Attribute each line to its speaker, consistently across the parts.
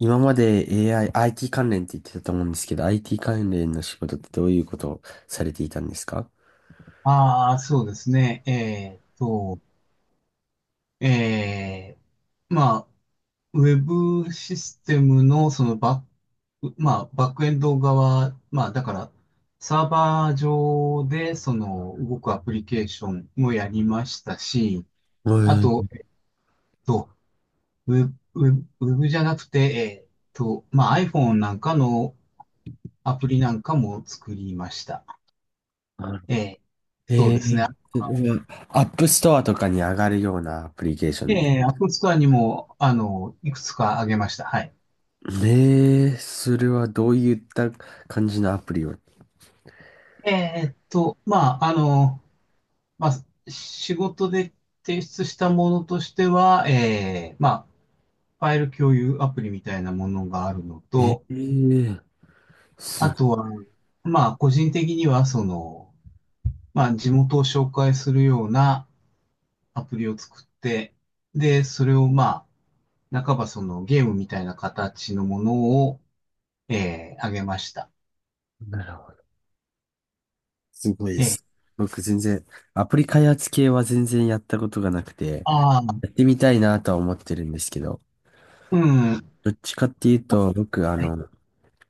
Speaker 1: 今まで AI、IT 関連って言ってたと思うんですけど、IT 関連の仕事ってどういうことをされていたんですか？
Speaker 2: ああ、そうですね。えまあ、ウェブシステムのそのバック、まあ、バックエンド側、まあ、だから、サーバー上でその動くアプリケーションもやりましたし、
Speaker 1: え
Speaker 2: あ
Speaker 1: ー、
Speaker 2: と、と、ウェブ、ウェブじゃなくて、まあ、iPhone なんかのアプリなんかも作りました。えー、そう
Speaker 1: え
Speaker 2: ですね。
Speaker 1: それはアップストアとかに上がるようなアプリケーション。
Speaker 2: App Store にも、あの、いくつかあげました。はい。
Speaker 1: それはどういった感じのアプリを。
Speaker 2: まあ、あの、まあ、仕事で提出したものとしては、まあ、ファイル共有アプリみたいなものがあるの
Speaker 1: え
Speaker 2: と、
Speaker 1: ー、
Speaker 2: あ
Speaker 1: す、
Speaker 2: とは、まあ、個人的には、その、まあ、地元を紹介するようなアプリを作って、で、それを、まあ、半ばそのゲームみたいな形のものを、あげました。
Speaker 1: なるほど。すごいで
Speaker 2: えー、
Speaker 1: す。僕全然、アプリ開発系は全然やったことがなくて、
Speaker 2: ああ、
Speaker 1: やってみたいなとは思ってるんですけど、
Speaker 2: うん、
Speaker 1: どっちかっていうと、僕、
Speaker 2: はい、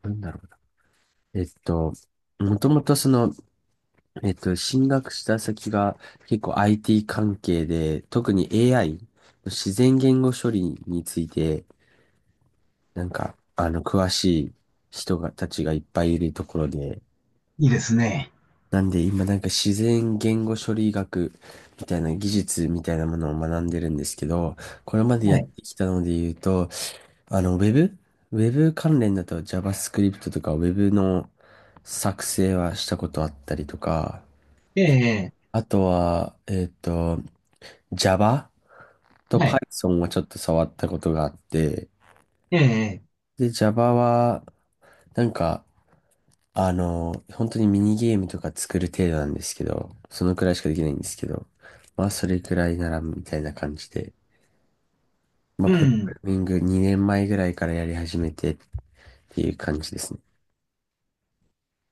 Speaker 1: なんだろう。えっと、もともとその、進学した先が結構 IT 関係で、特に AI、自然言語処理について、詳しいたちがいっぱいいるところで、
Speaker 2: いいですね。
Speaker 1: なんで今なんか自然言語処理学みたいな技術みたいなものを学んでるんですけど、これまでや
Speaker 2: は
Speaker 1: っ
Speaker 2: い、
Speaker 1: てきたので言うと、あの、ウェブ関連だと JavaScript とか Web の作成はしたことあったりとか、
Speaker 2: ええ
Speaker 1: あとは、Java と
Speaker 2: はい、
Speaker 1: Python はちょっと触ったことがあって、
Speaker 2: ええ
Speaker 1: で、Java は、なんか、本当にミニゲームとか作る程度なんですけど、そのくらいしかできないんですけど、まあ、それくらいなら、みたいな感じで、まあ、
Speaker 2: う
Speaker 1: プログ
Speaker 2: ん。
Speaker 1: ラミング2年前ぐらいからやり始めてっていう感じですね。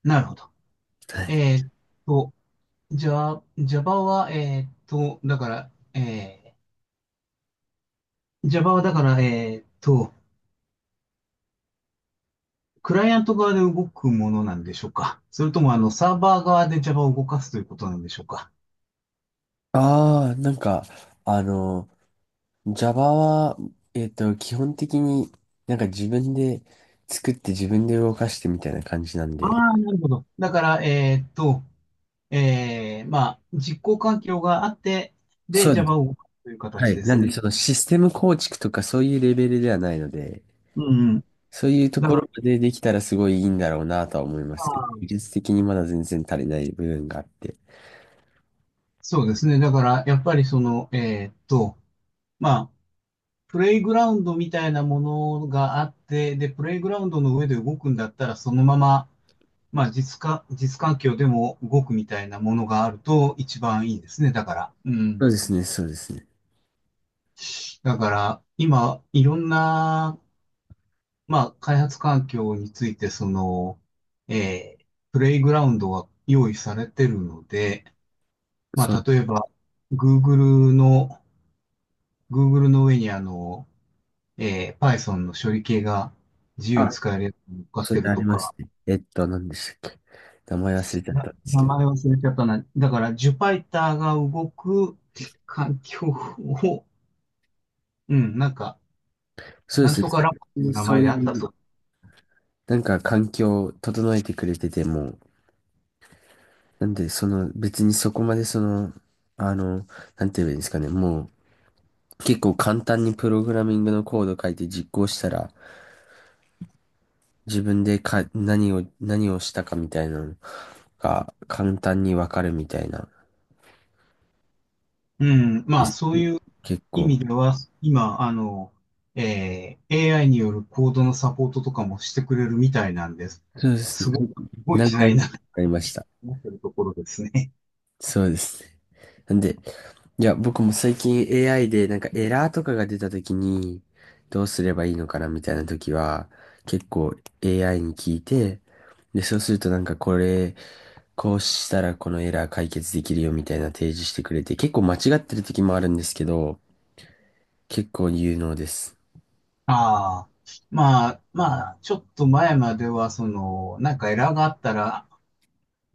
Speaker 2: なるほど。
Speaker 1: はい。
Speaker 2: えーっと、じゃあ、Java は、えーっと、だから、えー、Java はだから、えーっと、クライアント側で動くものなんでしょうか、それとも、あの、サーバー側で Java を動かすということなんでしょうか。
Speaker 1: ああ、なんか、あの、Java は、基本的になんか自分で作って自分で動かしてみたいな感じなん
Speaker 2: あ
Speaker 1: で、
Speaker 2: あ、なるほど。だから、まあ、実行環境があって、で、
Speaker 1: そうです。
Speaker 2: Java を動かすという
Speaker 1: は
Speaker 2: 形
Speaker 1: い。
Speaker 2: で
Speaker 1: なん
Speaker 2: す
Speaker 1: で、
Speaker 2: ね。
Speaker 1: そのシステム構築とかそういうレベルではないので、
Speaker 2: うんうん。
Speaker 1: そういうと
Speaker 2: だ
Speaker 1: ころ
Speaker 2: か
Speaker 1: までできたらすごいいいんだろうなとは思いま
Speaker 2: ら、ま
Speaker 1: すけど、
Speaker 2: あ、
Speaker 1: 技術的にまだ全然足りない部分があって。
Speaker 2: そうですね。だから、やっぱりその、まあ、プレイグラウンドみたいなものがあって、で、プレイグラウンドの上で動くんだったら、そのまま、まあ、実か、実環境でも動くみたいなものがあると一番いいですね。だから。う
Speaker 1: そうで
Speaker 2: ん。
Speaker 1: すね、そうですね。
Speaker 2: だから、今、いろんな、まあ、開発環境について、その、えープレイグラウンドが用意されてるので、ま
Speaker 1: そ
Speaker 2: あ、
Speaker 1: う。
Speaker 2: 例えば、Google の、Google の上にあの、Python の処理系が自由に
Speaker 1: あ、
Speaker 2: 使えるやつに乗っかっ
Speaker 1: そ
Speaker 2: て
Speaker 1: れ
Speaker 2: る
Speaker 1: あり
Speaker 2: と
Speaker 1: ま
Speaker 2: か、
Speaker 1: すね。えっと、何でしたっけ、名前忘れちゃっ
Speaker 2: な
Speaker 1: たんです
Speaker 2: 名
Speaker 1: けど。
Speaker 2: 前忘れちゃったな。だから、ジュパイターが動く環境を、うん、なんか、
Speaker 1: そうで
Speaker 2: なん
Speaker 1: すね。
Speaker 2: とかラボ
Speaker 1: 最
Speaker 2: という
Speaker 1: 近
Speaker 2: 名
Speaker 1: そ
Speaker 2: 前
Speaker 1: う
Speaker 2: であっ
Speaker 1: い
Speaker 2: た
Speaker 1: う
Speaker 2: と。
Speaker 1: なんか環境を整えてくれてても、なんでその別にそこまでその、あの、なんて言えばいいんですかね、もう結構簡単にプログラミングのコード書いて実行したら、自分でか、何をしたかみたいなのが簡単にわかるみたいな
Speaker 2: うん、ま
Speaker 1: で
Speaker 2: あ、
Speaker 1: す。
Speaker 2: そういう
Speaker 1: 結
Speaker 2: 意味
Speaker 1: 構。
Speaker 2: では、今、あの、AI によるコードのサポートとかもしてくれるみたいなんです。
Speaker 1: そうですね。
Speaker 2: すごい、すごい
Speaker 1: 何
Speaker 2: 時代
Speaker 1: 回
Speaker 2: に
Speaker 1: か
Speaker 2: なって
Speaker 1: やりました。
Speaker 2: ってるところですね。
Speaker 1: そうですね。なんで、いや、僕も最近 AI でなんかエラーとかが出た時に、どうすればいいのかなみたいな時は、結構 AI に聞いて、で、そうするとなんかこれ、こうしたらこのエラー解決できるよみたいな提示してくれて、結構間違ってる時もあるんですけど、結構有能です。
Speaker 2: ああ。まあ、まあ、ちょっと前までは、その、なんかエラーがあったら、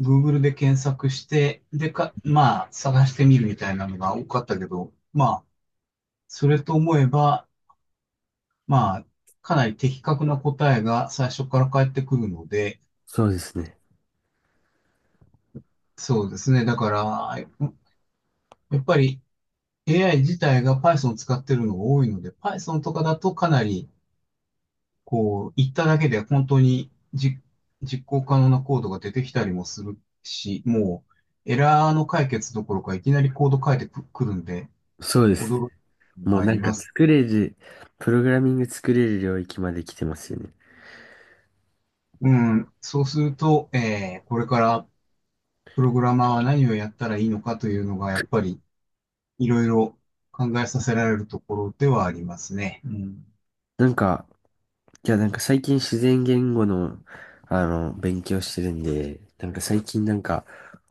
Speaker 2: Google で検索して、でか、まあ、探してみるみたいなのが多かったけど、まあ、それと思えば、まあ、かなり的確な答えが最初から返ってくるので、
Speaker 1: そうですね。
Speaker 2: そうですね。だから、やっぱり AI 自体が Python を使ってるのが多いので、Python とかだとかなり、こう、言っただけで本当にじ実行可能なコードが出てきたりもするし、もう、エラーの解決どころかいきなりコード書いてくくるんで、
Speaker 1: そうです。
Speaker 2: 驚くの
Speaker 1: も
Speaker 2: が
Speaker 1: う
Speaker 2: あ
Speaker 1: な
Speaker 2: り
Speaker 1: んか
Speaker 2: ます。
Speaker 1: 作れる、プログラミング作れる領域まで来てますよね。
Speaker 2: うん、そうすると、これからプログラマーは何をやったらいいのかというのが、やっぱりいろいろ考えさせられるところではありますね。うん。
Speaker 1: なんか、いや、なんか最近自然言語の、あの、勉強してるんで、なんか最近なんか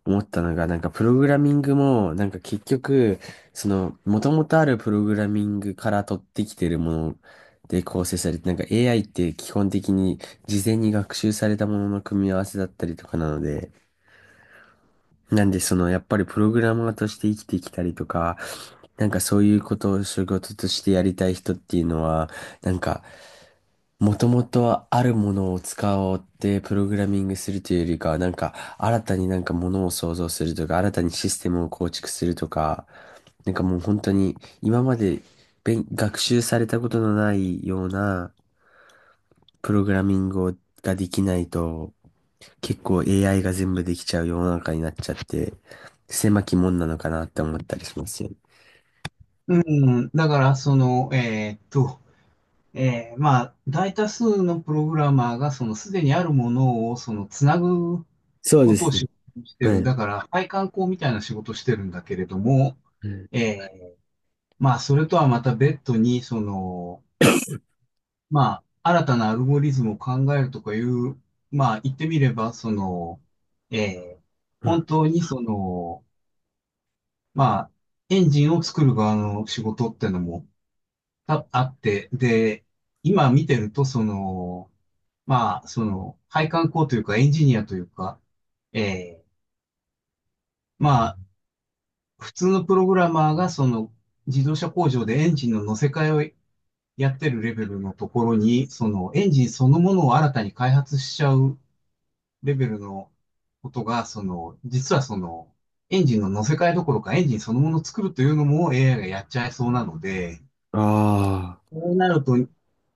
Speaker 1: 思ったのが、なんかプログラミングも、なんか結局、その、元々あるプログラミングから取ってきてるもので構成されて、なんか AI って基本的に事前に学習されたものの組み合わせだったりとかなので、なんでその、やっぱりプログラマーとして生きてきたりとか、なんかそういうことを仕事としてやりたい人っていうのは、なんか、もともとはあるものを使おうってプログラミングするというよりかは、なんか新たになんかものを創造するとか、新たにシステムを構築するとか、なんかもう本当に今まで勉学習されたことのないようなプログラミングをができないと、結構 AI が全部できちゃう世の中になっちゃって、狭き門なのかなって思ったりしますよね。
Speaker 2: うだから、その、まあ、大多数のプログラマーが、その、すでにあるものを、その、つなぐ
Speaker 1: そう
Speaker 2: こ
Speaker 1: で
Speaker 2: とを
Speaker 1: すね。
Speaker 2: 仕事にして
Speaker 1: は
Speaker 2: る。
Speaker 1: い。
Speaker 2: だから、配管工みたいな仕事をしてるんだけれども、
Speaker 1: うん。
Speaker 2: えーまあ、それとはまた別途に、その、まあ、新たなアルゴリズムを考えるとかいう、まあ、言ってみれば、その、ええ本当にその、まあ、エンジンを作る側の仕事ってのもたあって、で、今見てると、その、まあ、その、配管工というか、エンジニアというか、ええまあ、普通のプログラマーが、その、自動車工場でエンジンの乗せ替えをやってるレベルのところに、その、エンジンそのものを新たに開発しちゃうレベルのことが、その、実はその、エンジンの乗せ替えどころかエンジンそのものを作るというのも AI がやっちゃいそうなので、
Speaker 1: ああー。
Speaker 2: そうなると、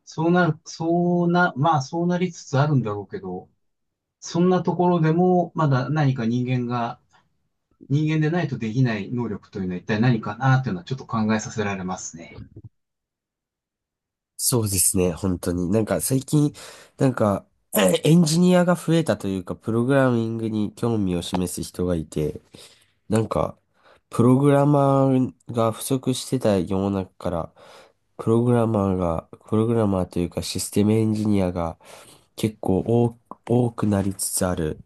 Speaker 2: そうなる、そうな、まあそうなりつつあるんだろうけど、そんなところでもまだ何か人間が、人間でないとできない能力というのは一体何かなというのはちょっと考えさせられますね。
Speaker 1: そうですね、本当に。なんか最近、なんか、エンジニアが増えたというか、プログラミングに興味を示す人がいて、なんか、プログラマーが不足してた世の中から、プログラマーというかシステムエンジニアが結構多多くなりつつある。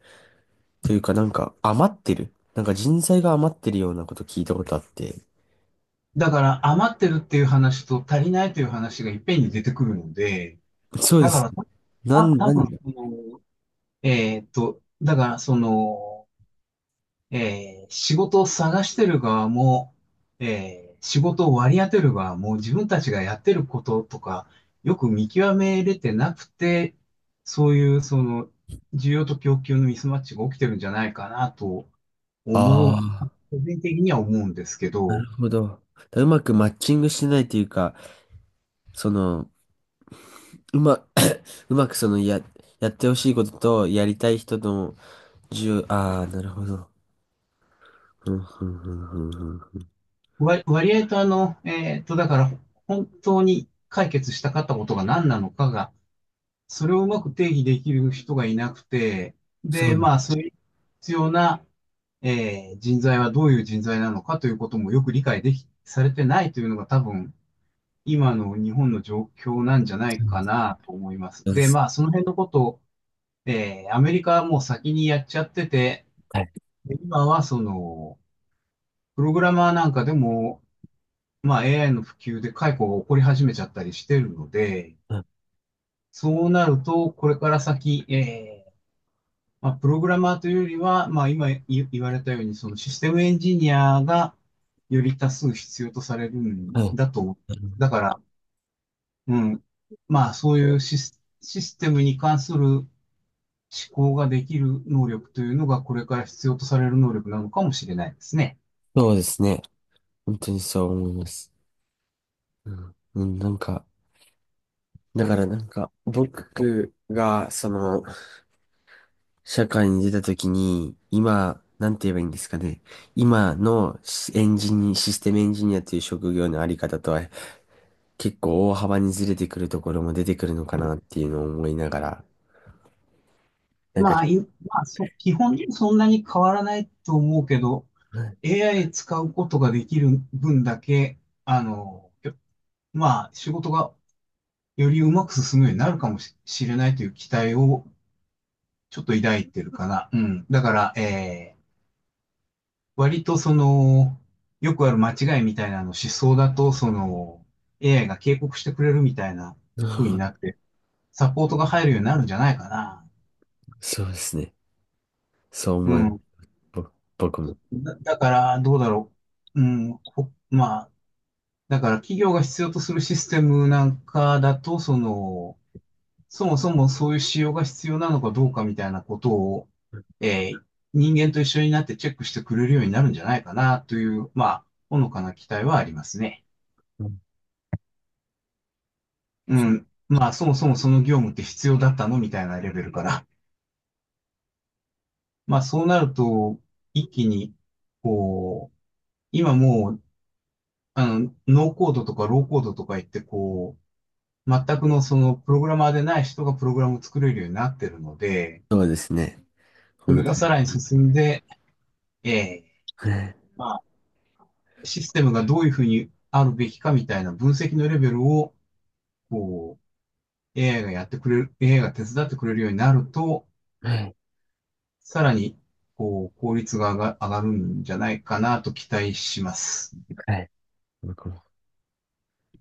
Speaker 1: というかなんか余ってる。なんか人材が余ってるようなこと聞いたことあって。
Speaker 2: だから余ってるっていう話と足りないという話がいっぺんに出てくるので、
Speaker 1: そうで
Speaker 2: だか
Speaker 1: す。
Speaker 2: らた、
Speaker 1: な
Speaker 2: た
Speaker 1: ん、
Speaker 2: 多
Speaker 1: な
Speaker 2: 分
Speaker 1: ん、
Speaker 2: そのだから、その、仕事を探してる側も、仕事を割り当てる側も、自分たちがやってることとか、よく見極めれてなくて、そういう、その、需要と供給のミスマッチが起きてるんじゃないかなと思う、
Speaker 1: あ、
Speaker 2: 個人的には思うんですけ
Speaker 1: なる
Speaker 2: ど、
Speaker 1: ほど。だからうまくマッチングしてないというか、その、うま、うまくそのや、やってほしいことと、やりたい人の重、ああ、なるほど。ふんふんふんふんふんふん、
Speaker 2: 割、割合とあの、だから、本当に解決したかったことが何なのかが、それをうまく定義できる人がいなくて、
Speaker 1: そ
Speaker 2: で、
Speaker 1: う
Speaker 2: ま
Speaker 1: な
Speaker 2: あ、それに必要な、人材はどういう人材なのかということもよく理解でき、されてないというのが多分、今の日本の状況なんじゃないかなと思います。
Speaker 1: んで
Speaker 2: で、
Speaker 1: す。
Speaker 2: まあ、その辺のことを、アメリカはもう先にやっちゃってて、
Speaker 1: はい。
Speaker 2: で今はその、プログラマーなんかでも、まあ、AI の普及で解雇が起こり始めちゃったりしてるので、
Speaker 1: あ、
Speaker 2: そうなると、これから先、まあ、プログラマーというよりは、まあ、今い言われたように、そのシステムエンジニアがより多数必要とされる
Speaker 1: は
Speaker 2: ん
Speaker 1: い。
Speaker 2: だと。だから、うん。まあ、そういうシス、システムに関する思考ができる能力というのが、これから必要とされる能力なのかもしれないですね。
Speaker 1: そうですね。本当にそう思います。うん、うん、なんか、だからなんか、僕が、その、社会に出た時に、今、なんて言えばいいんですかね。今のシステムエンジニアという職業のあり方とは結構大幅にずれてくるところも出てくるのかなっていうのを思いながら、なんか、
Speaker 2: まあ、いそ、基本そんなに変わらないと思うけど、AI 使うことができる分だけ、あの、まあ、仕事がよりうまく進むようになるかもしれないという期待をちょっと抱いてるかな。うん。だから、割とその、よくある間違いみたいなの思想だと、その、AI が警告してくれるみたいな
Speaker 1: うん、
Speaker 2: 風になって、サポートが入るようになるんじゃないかな。
Speaker 1: そうですね。そう
Speaker 2: う
Speaker 1: 思います。
Speaker 2: ん。
Speaker 1: ぼ僕も。
Speaker 2: だ、だから、どうだろう。うん。ほまあ、だから企業が必要とするシステムなんかだと、その、そもそもそういう仕様が必要なのかどうかみたいなことを、えー人間と一緒になってチェックしてくれるようになるんじゃないかなという、まあ、ほのかな期待はありますね。
Speaker 1: うん、
Speaker 2: うん。まあ、そもそもその業務って必要だったのみたいなレベルから。まあ、そうなると、一気に、こう、今もう、あの、ノーコードとかローコードとか言って、こう、全くのそのプログラマーでない人がプログラムを作れるようになってるので、
Speaker 1: そうですね。
Speaker 2: それ
Speaker 1: 本当
Speaker 2: が
Speaker 1: に。
Speaker 2: さらに進んで、ええ
Speaker 1: はい。
Speaker 2: まあシステムがどういうふうにあるべきかみたいな分析のレベルを、こう、AI がやってくれる、AI が手伝ってくれるようになると、
Speaker 1: はい。
Speaker 2: さらに、こう、効率が上が上がるんじゃないかなと期待します。
Speaker 1: はい。